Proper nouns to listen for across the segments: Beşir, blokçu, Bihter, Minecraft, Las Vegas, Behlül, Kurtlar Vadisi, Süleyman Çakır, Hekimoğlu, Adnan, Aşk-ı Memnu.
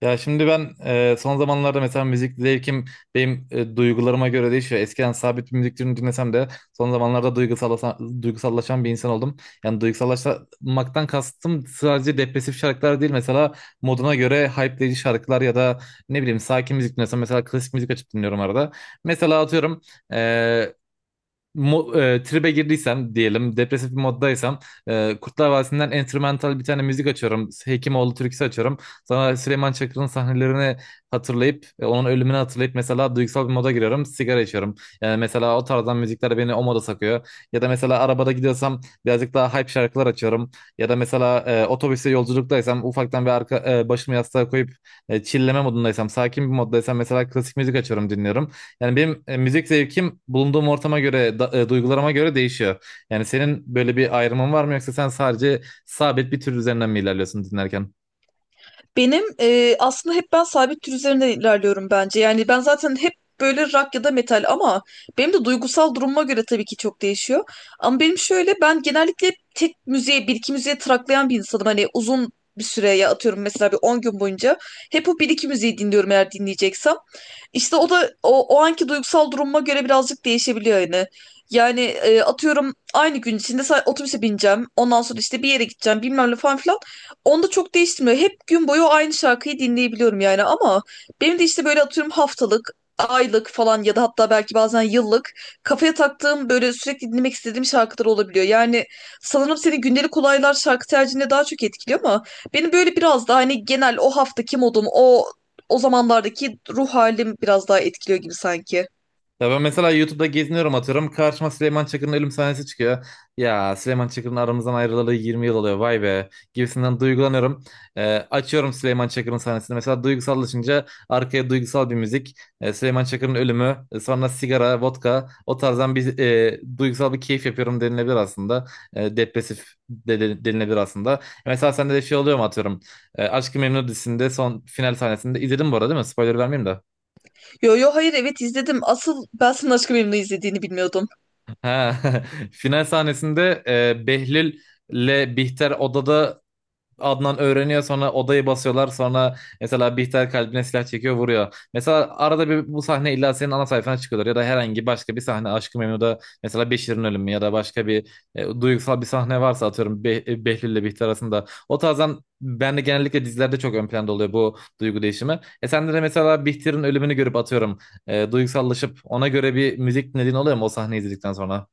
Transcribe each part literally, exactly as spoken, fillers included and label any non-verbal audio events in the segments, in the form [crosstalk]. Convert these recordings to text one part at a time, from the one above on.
Ya şimdi ben e, son zamanlarda mesela müzik zevkim benim e, duygularıma göre değişiyor. Eskiden sabit bir müzik türünü dinlesem de son zamanlarda duygusallaşan, duygusallaşan bir insan oldum. Yani duygusallaşmaktan kastım sadece depresif şarkılar değil. Mesela moduna göre hype'leyici şarkılar ya da ne bileyim sakin müzik dinlesem mesela klasik müzik açıp dinliyorum arada. Mesela atıyorum e, mo- e, tribe girdiysem diyelim depresif bir moddaysam e, Kurtlar Vadisi'nden enstrümantal bir tane müzik açıyorum. Hekimoğlu türküsü açıyorum. Sonra Süleyman Çakır'ın sahnelerini hatırlayıp e, onun ölümünü hatırlayıp mesela duygusal bir moda giriyorum. Sigara içiyorum. Yani mesela o tarzdan müzikler beni o moda sokuyor. Ya da mesela arabada gidiyorsam birazcık daha hype şarkılar açıyorum. Ya da mesela e, otobüste yolculuktaysam ufaktan bir arka, e, başımı yastığa koyup e, chill'leme modundaysam sakin bir moddaysam mesela klasik müzik açıyorum dinliyorum. Yani benim e, müzik zevkim bulunduğum ortama göre, da- e, duygularıma göre değişiyor. Yani senin böyle bir ayrımın var mı yoksa sen sadece sabit bir tür üzerinden mi ilerliyorsun dinlerken? Benim e, aslında hep ben sabit tür üzerinde ilerliyorum bence. Yani ben zaten hep böyle rock ya da metal, ama benim de duygusal durumuma göre tabii ki çok değişiyor. Ama benim şöyle, ben genellikle hep tek müziğe, bir iki müziğe traklayan bir insanım. Hani uzun bir süre, ya atıyorum mesela bir on gün boyunca hep o bir iki müziği dinliyorum eğer dinleyeceksem. İşte o da o, o anki duygusal durumuma göre birazcık değişebiliyor yani. Yani e, atıyorum, aynı gün içinde sa- otobüse bineceğim. Ondan sonra işte bir yere gideceğim, bilmem ne falan filan. Onda çok değiştirmiyor. Hep gün boyu aynı şarkıyı dinleyebiliyorum yani, ama benim de işte böyle atıyorum haftalık, aylık falan, ya da hatta belki bazen yıllık kafaya taktığım böyle sürekli dinlemek istediğim şarkılar olabiliyor. Yani sanırım seni gündelik olaylar, şarkı tercihine daha çok etkiliyor, ama benim böyle biraz daha hani genel o haftaki modum, o o zamanlardaki ruh halim biraz daha etkiliyor gibi sanki. Ya ben mesela YouTube'da geziniyorum atıyorum. Karşıma Süleyman Çakır'ın ölüm sahnesi çıkıyor. Ya Süleyman Çakır'ın aramızdan ayrılalı yirmi yıl oluyor vay be gibisinden duygulanıyorum. Ee, açıyorum Süleyman Çakır'ın sahnesini. Mesela duygusallaşınca arkaya duygusal bir müzik. Ee, Süleyman Çakır'ın ölümü e, sonra sigara, vodka o tarzdan bir e, duygusal bir keyif yapıyorum denilebilir aslında. E, depresif de, de- denilebilir aslında. E, Mesela sende de şey oluyor mu atıyorum. E, Aşk-ı Memnu dizisinde son final sahnesinde izledim bu arada değil mi? Spoiler vermeyeyim de. Yo yo, hayır, evet izledim. Asıl ben senin aşkı memnu izlediğini bilmiyordum. Ha, [laughs] final sahnesinde e, Behlül'le Bihter odada Adnan öğreniyor, sonra odayı basıyorlar, sonra mesela Bihter kalbine silah çekiyor vuruyor. Mesela arada bir bu sahne illa senin ana sayfana çıkıyorlar ya da herhangi başka bir sahne Aşk-ı Memnu'da, mesela Beşir'in ölümü ya da başka bir e, duygusal bir sahne varsa atıyorum Be Behlül'le Bihter arasında. O tarzdan ben de genellikle dizilerde çok ön planda oluyor bu duygu değişimi. E sende de mesela Bihter'in ölümünü görüp atıyorum e, duygusallaşıp ona göre bir müzik dinlediğin oluyor mu o sahneyi izledikten sonra?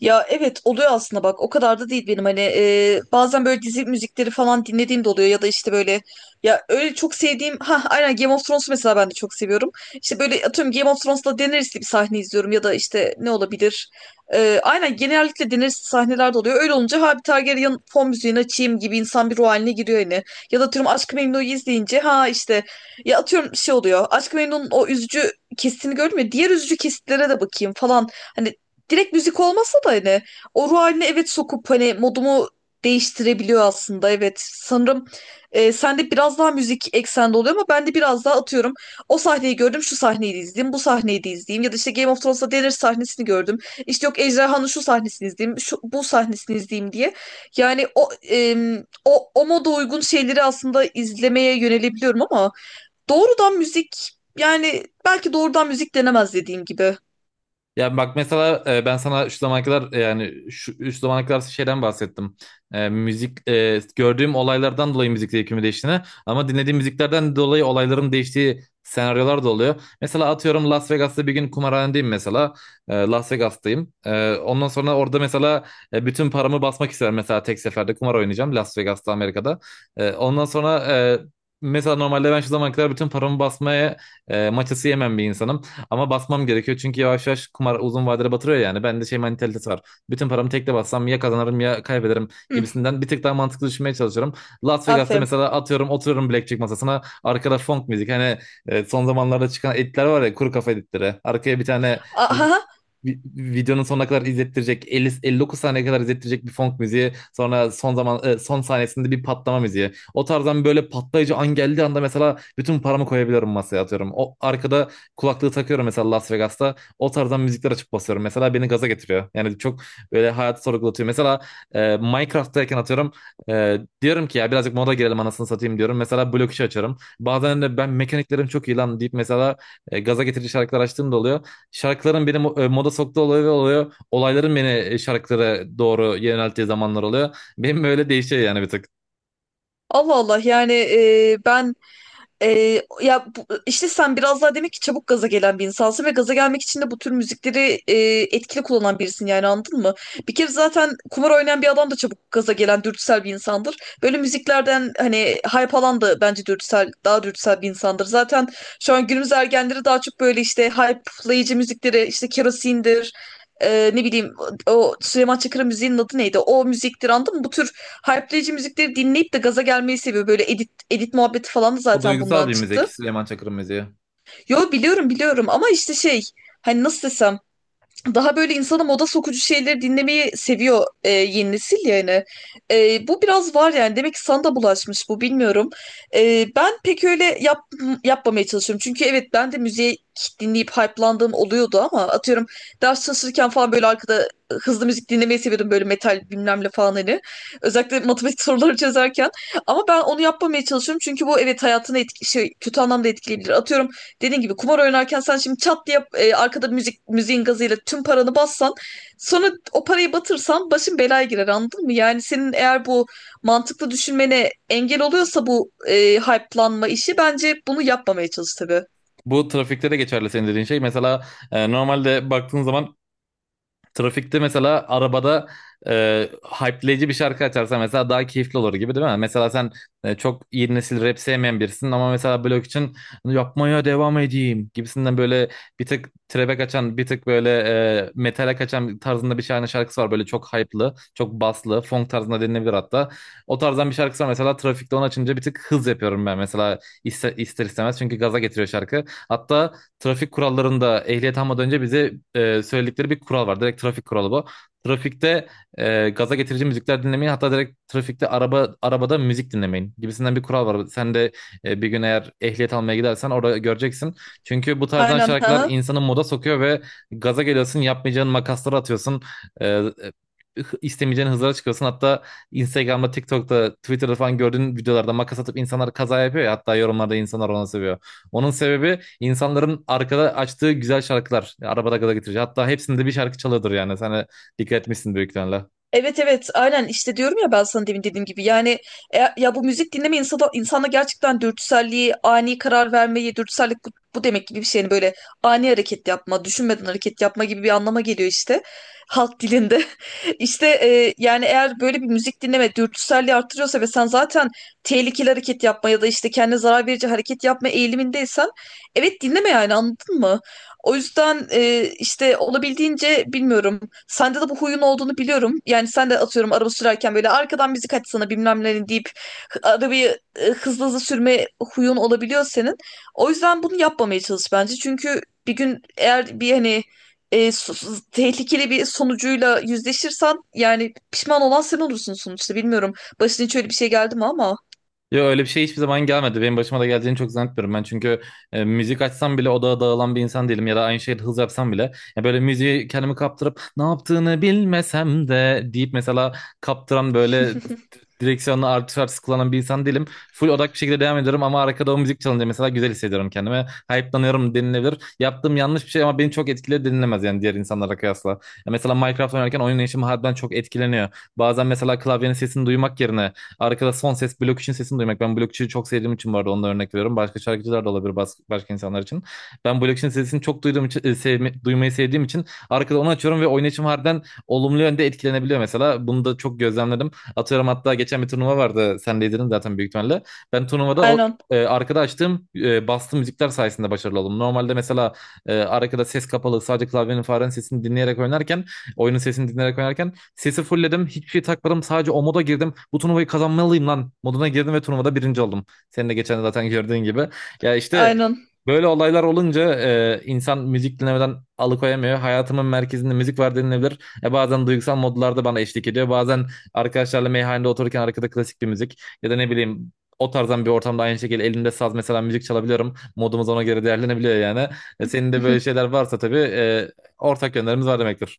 Ya evet, oluyor aslında, bak o kadar da değil benim hani. E, bazen böyle dizi müzikleri falan dinlediğim de oluyor, ya da işte böyle, ya öyle çok sevdiğim, ha aynen, Game of Thrones'u mesela ben de çok seviyorum. İşte böyle atıyorum, Game of Thrones'la Daenerys'li bir sahne izliyorum, ya da işte ne olabilir. E, aynen, genellikle Daenerys'li sahneler de oluyor, öyle olunca ha, bir Targaryen fon müziğini açayım gibi insan bir ruh haline giriyor yani. Ya da atıyorum Aşk-ı Memnu'yu izleyince, ha işte, ya atıyorum şey oluyor, Aşk-ı Memnu'nun o üzücü kesitini gördüm ya, diğer üzücü kesitlere de bakayım falan. Hani direkt müzik olmasa da hani o ruh haline, evet, sokup hani modumu değiştirebiliyor aslında, evet sanırım e, sende biraz daha müzik eksende oluyor, ama ben de biraz daha atıyorum, o sahneyi gördüm, şu sahneyi de izleyeyim, bu sahneyi de izleyeyim, ya da işte Game of Thrones'ta Daenerys sahnesini gördüm, işte yok, Ejderhan'ın şu sahnesini izleyeyim, şu, bu sahnesini izleyeyim diye. Yani o em, o, o moda uygun şeyleri aslında izlemeye yönelebiliyorum, ama doğrudan müzik, yani belki doğrudan müzik denemez dediğim gibi. Ya bak mesela e, ben sana şu zamana kadar e, yani şu, şu zamana kadar şeyden bahsettim. E, müzik e, gördüğüm olaylardan dolayı müzik zevkimin değiştiğini, ama dinlediğim müziklerden dolayı olayların değiştiği senaryolar da oluyor. Mesela atıyorum Las Vegas'ta bir gün kumarhanedeyim mesela. E, Las Vegas'tayım. E, ondan sonra orada mesela e, bütün paramı basmak isterim, mesela tek seferde kumar oynayacağım Las Vegas'ta, Amerika'da. E, ondan sonra e, Mesela normalde ben şu zamana kadar bütün paramı basmaya e, maçası yemem bir insanım. Ama basmam gerekiyor çünkü yavaş yavaş kumar uzun vadede batırıyor yani. Bende şey mentalitesi var. Bütün paramı tekte bassam ya kazanırım ya kaybederim Hı, gibisinden bir tık daha mantıklı düşünmeye çalışıyorum. Las Vegas'ta aferin. mesela atıyorum oturuyorum blackjack masasına. Arkada funk müzik, hani e, son zamanlarda çıkan editler var ya, kuru kafa editleri. Arkaya bir tane [laughs] vi- videonun sonuna kadar izlettirecek, elli elli dokuz saniye kadar izlettirecek bir funk müziği, sonra son zaman e, son sahnesinde bir patlama müziği. O tarzdan böyle patlayıcı an geldiği anda mesela bütün paramı koyabiliyorum masaya atıyorum. O arkada kulaklığı takıyorum mesela Las Vegas'ta. O tarzdan müzikler açıp basıyorum. Mesela beni gaza getiriyor. Yani çok böyle hayatı sorgulatıyor. Mesela e, Minecraft'tayken atıyorum e, diyorum ki ya birazcık moda girelim anasını satayım diyorum. Mesela blok işi açarım. Bazen de ben mekaniklerim çok iyi lan deyip mesela e, gaza getirici şarkılar açtığım da oluyor. Şarkıların beni mo- e, moda soktuğu oluyor oluyor. Olayların beni e, şarkılara doğru yönelttiği zamanlar oluyor. [laughs] Benim böyle değişiyor yani bir tık. Allah Allah, yani e, ben, ee, ya bu- işte sen biraz daha demek ki çabuk gaza gelen bir insansın, ve gaza gelmek için de bu tür müzikleri e, etkili kullanan birisin yani, anladın mı? Bir kere zaten kumar oynayan bir adam da çabuk gaza gelen dürtüsel bir insandır. Böyle müziklerden hani hype alan da bence dürtüsel, daha dürtüsel bir insandır. Zaten şu an günümüz ergenleri daha çok böyle işte hype'layıcı müzikleri, işte kerosindir. E, ne bileyim, o Süleyman Çakır'ın müziğinin adı neydi? O müziktir, anladın mı? Bu tür hype'layıcı müzikleri dinleyip de gaza gelmeyi seviyor. Böyle edit muhabbeti falan da O zaten duygusal bundan bir müzik çıktı. Süleyman Çakır'ın müziği. Yo, biliyorum biliyorum, ama işte şey, hani nasıl desem, daha böyle insana moda sokucu şeyleri dinlemeyi seviyor e, yeni nesil yani. E, bu biraz var yani. Demek ki sana da bulaşmış bu, bilmiyorum. E, ben pek öyle yap, yapmamaya çalışıyorum. Çünkü evet, ben de müziği dinleyip hype'landığım oluyordu, ama atıyorum ders çalışırken falan böyle arkada hızlı müzik dinlemeyi seviyordum, böyle metal bilmem ne falan hani. Özellikle matematik [laughs] soruları çözerken. Ama ben onu yapmamaya çalışıyorum, çünkü bu, evet, hayatını etki, şey, kötü anlamda etkileyebilir. Atıyorum, dediğin gibi kumar oynarken sen şimdi çat diye e, arkada müzik müziğin gazıyla tüm paranı bassan, sonra o parayı batırsan başın belaya girer, anladın mı? Yani senin eğer bu mantıklı düşünmene engel oluyorsa bu e, hype'lanma işi, bence bunu yapmamaya çalış tabii. Bu trafikte de geçerli senin dediğin şey. Mesela e, normalde baktığın zaman trafikte mesela arabada e, hype'leyici bir şarkı açarsa mesela daha keyifli olur gibi, değil mi? Mesela sen e, çok yeni nesil rap sevmeyen birisin ama mesela blok için yapmaya devam edeyim gibisinden böyle bir tık trap'e kaçan, bir tık böyle e, metale kaçan tarzında bir tane şarkısı var. Böyle çok hype'lı, çok baslı, funk tarzında dinlenebilir hatta. O tarzdan bir şarkısı var, mesela trafikte onu açınca bir tık hız yapıyorum ben mesela, iste- ister istemez, çünkü gaza getiriyor şarkı. Hatta trafik kurallarında ehliyet almadan önce bize e, söyledikleri bir kural var. Direkt trafik kuralı bu. Trafikte e, gaza getirici müzikler dinlemeyin. Hatta direkt trafikte araba arabada müzik dinlemeyin gibisinden bir kural var. Sen de e, bir gün eğer ehliyet almaya gidersen orada göreceksin. Çünkü bu tarzdan Aynen şarkılar ha. insanı moda sokuyor ve gaza geliyorsun, yapmayacağın makasları atıyorsun. E, istemeyeceğin hızlara çıkıyorsun. Hatta Instagram'da, TikTok'ta, Twitter'da falan gördüğün videolarda makas atıp insanlar kaza yapıyor ya. Hatta yorumlarda insanlar ona seviyor. Onun sebebi insanların arkada açtığı güzel şarkılar. Arabada gaza getirici. Hatta hepsinde bir şarkı çalıyordur yani. Sen de dikkat etmişsin büyük ihtimalle. Evet evet, aynen işte, diyorum ya, ben sana demin dediğim gibi yani, e, ya bu müzik dinleme insana, insana gerçekten dürtüselliği, ani karar vermeyi, dürtüsellik bu, bu demek gibi bir şey yani, böyle ani hareket yapma, düşünmeden hareket yapma gibi bir anlama geliyor, işte halk dilinde. [laughs] işte e, yani, eğer böyle bir müzik dinleme dürtüselliği artırıyorsa, ve sen zaten tehlikeli hareket yapma ya da işte kendine zarar verici hareket yapma eğilimindeysen, evet dinleme yani, anladın mı? O yüzden e, işte olabildiğince, bilmiyorum. Sende de bu huyun olduğunu biliyorum. Yani sen de atıyorum araba sürerken böyle arkadan müzik açsana bilmem ne deyip hı- arabayı e, hızlı hızlı sürme huyun olabiliyor senin. O yüzden bunu yapmamaya çalış bence. Çünkü bir gün eğer bir hani e, su- su- tehlikeli bir sonucuyla yüzleşirsen, yani pişman olan sen olursun sonuçta. Bilmiyorum. Başına hiç öyle bir şey geldi mi ama? Yo öyle bir şey hiçbir zaman gelmedi. Benim başıma da geleceğini çok zannetmiyorum ben. Çünkü e, müzik açsam bile odaya dağılan bir insan değilim, ya da aynı şeyi hız yapsam bile. Ya böyle müziği kendimi kaptırıp ne yaptığını bilmesem de deyip mesela kaptıran, böyle direksiyonla artış artış kullanan bir insan değilim. Full odak bir şekilde devam ediyorum, ama arkada o müzik çalınca mesela güzel hissediyorum kendimi. Hype'lanıyorum denilebilir. Yaptığım yanlış bir şey ama beni çok etkiledi denilemez yani diğer insanlara kıyasla. Ya mesela Minecraft oynarken oyun işim harbiden çok etkileniyor. Bazen mesela klavyenin sesini duymak yerine arkada son ses blokçunun sesini duymak. Ben blokçuyu çok sevdiğim için bu arada onu da örnek veriyorum. Başka şarkıcılar da olabilir bas- başka insanlar için. Ben blokçunun sesini çok duyduğum için, e, sevme- duymayı sevdiğim için arkada onu açıyorum ve oynayışım harbiden olumlu yönde etkilenebiliyor mesela. Bunu da çok gözlemledim. Atıyorum hatta geçen bir turnuva vardı. Sen de izledin zaten büyük ihtimalle. Ben turnuvada o Aynen. e, arkada açtığım e, bastığım müzikler sayesinde başarılı oldum. Normalde mesela e, arkada ses kapalı sadece klavyenin farenin sesini dinleyerek oynarken, oyunun sesini dinleyerek oynarken sesi fullledim. Hiçbir şey takmadım. Sadece o moda girdim. Bu turnuvayı kazanmalıyım lan moduna girdim ve turnuvada birinci oldum. Senin de geçen de zaten gördüğün gibi. Ya işte Aynen. böyle olaylar olunca e, insan müzik dinlemeden alıkoyamıyor. Hayatımın merkezinde müzik var denilebilir. E, bazen duygusal modlarda bana eşlik ediyor. Bazen arkadaşlarla meyhanede otururken arkada klasik bir müzik ya da ne bileyim o tarzdan bir ortamda aynı şekilde elimde saz mesela müzik çalabiliyorum. Modumuz ona göre değerlenebiliyor yani. E, senin de böyle şeyler varsa tabii, e, ortak yönlerimiz var demektir.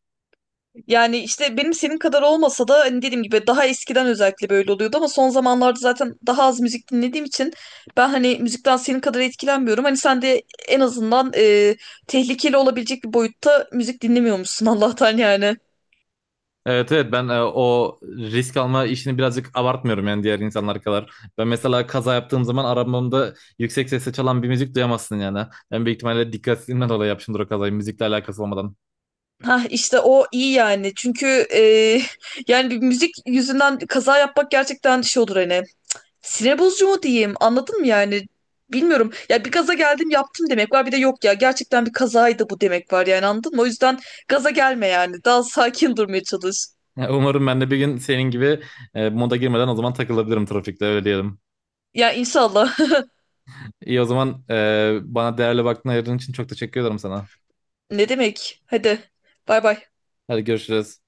Yani işte benim senin kadar olmasa da, hani dediğim gibi, daha eskiden özellikle böyle oluyordu, ama son zamanlarda zaten daha az müzik dinlediğim için ben hani müzikten senin kadar etkilenmiyorum. Hani sen de en azından e, tehlikeli olabilecek bir boyutta müzik dinlemiyormuşsun, [laughs] Allah'tan yani. Evet, evet, ben e, o risk alma işini birazcık abartmıyorum yani diğer insanlar kadar. Ben mesela kaza yaptığım zaman arabamda yüksek sesle çalan bir müzik duyamazsın yani. Ben büyük ihtimalle dikkatsizliğimden dolayı yapmışımdır o kazayı, müzikle alakası olmadan. Ha işte o iyi yani, çünkü e, [laughs] yani bir müzik yüzünden kaza yapmak gerçekten şey olur hani, sinir bozucu mu diyeyim? Anladın mı yani? Bilmiyorum. Ya bir gaza geldim yaptım demek var. Bir de, yok ya, gerçekten bir kazaydı bu demek var yani, anladın mı? O yüzden gaza gelme yani. Daha sakin durmaya çalış. Yani umarım ben de bir gün senin gibi e, moda girmeden o zaman takılabilirim trafikte, öyle diyelim. Ya inşallah. [laughs] İyi, o zaman e, bana değerli vaktini ayırdığın için çok teşekkür ederim sana. Ne demek? Hadi. Bay bay. Hadi görüşürüz.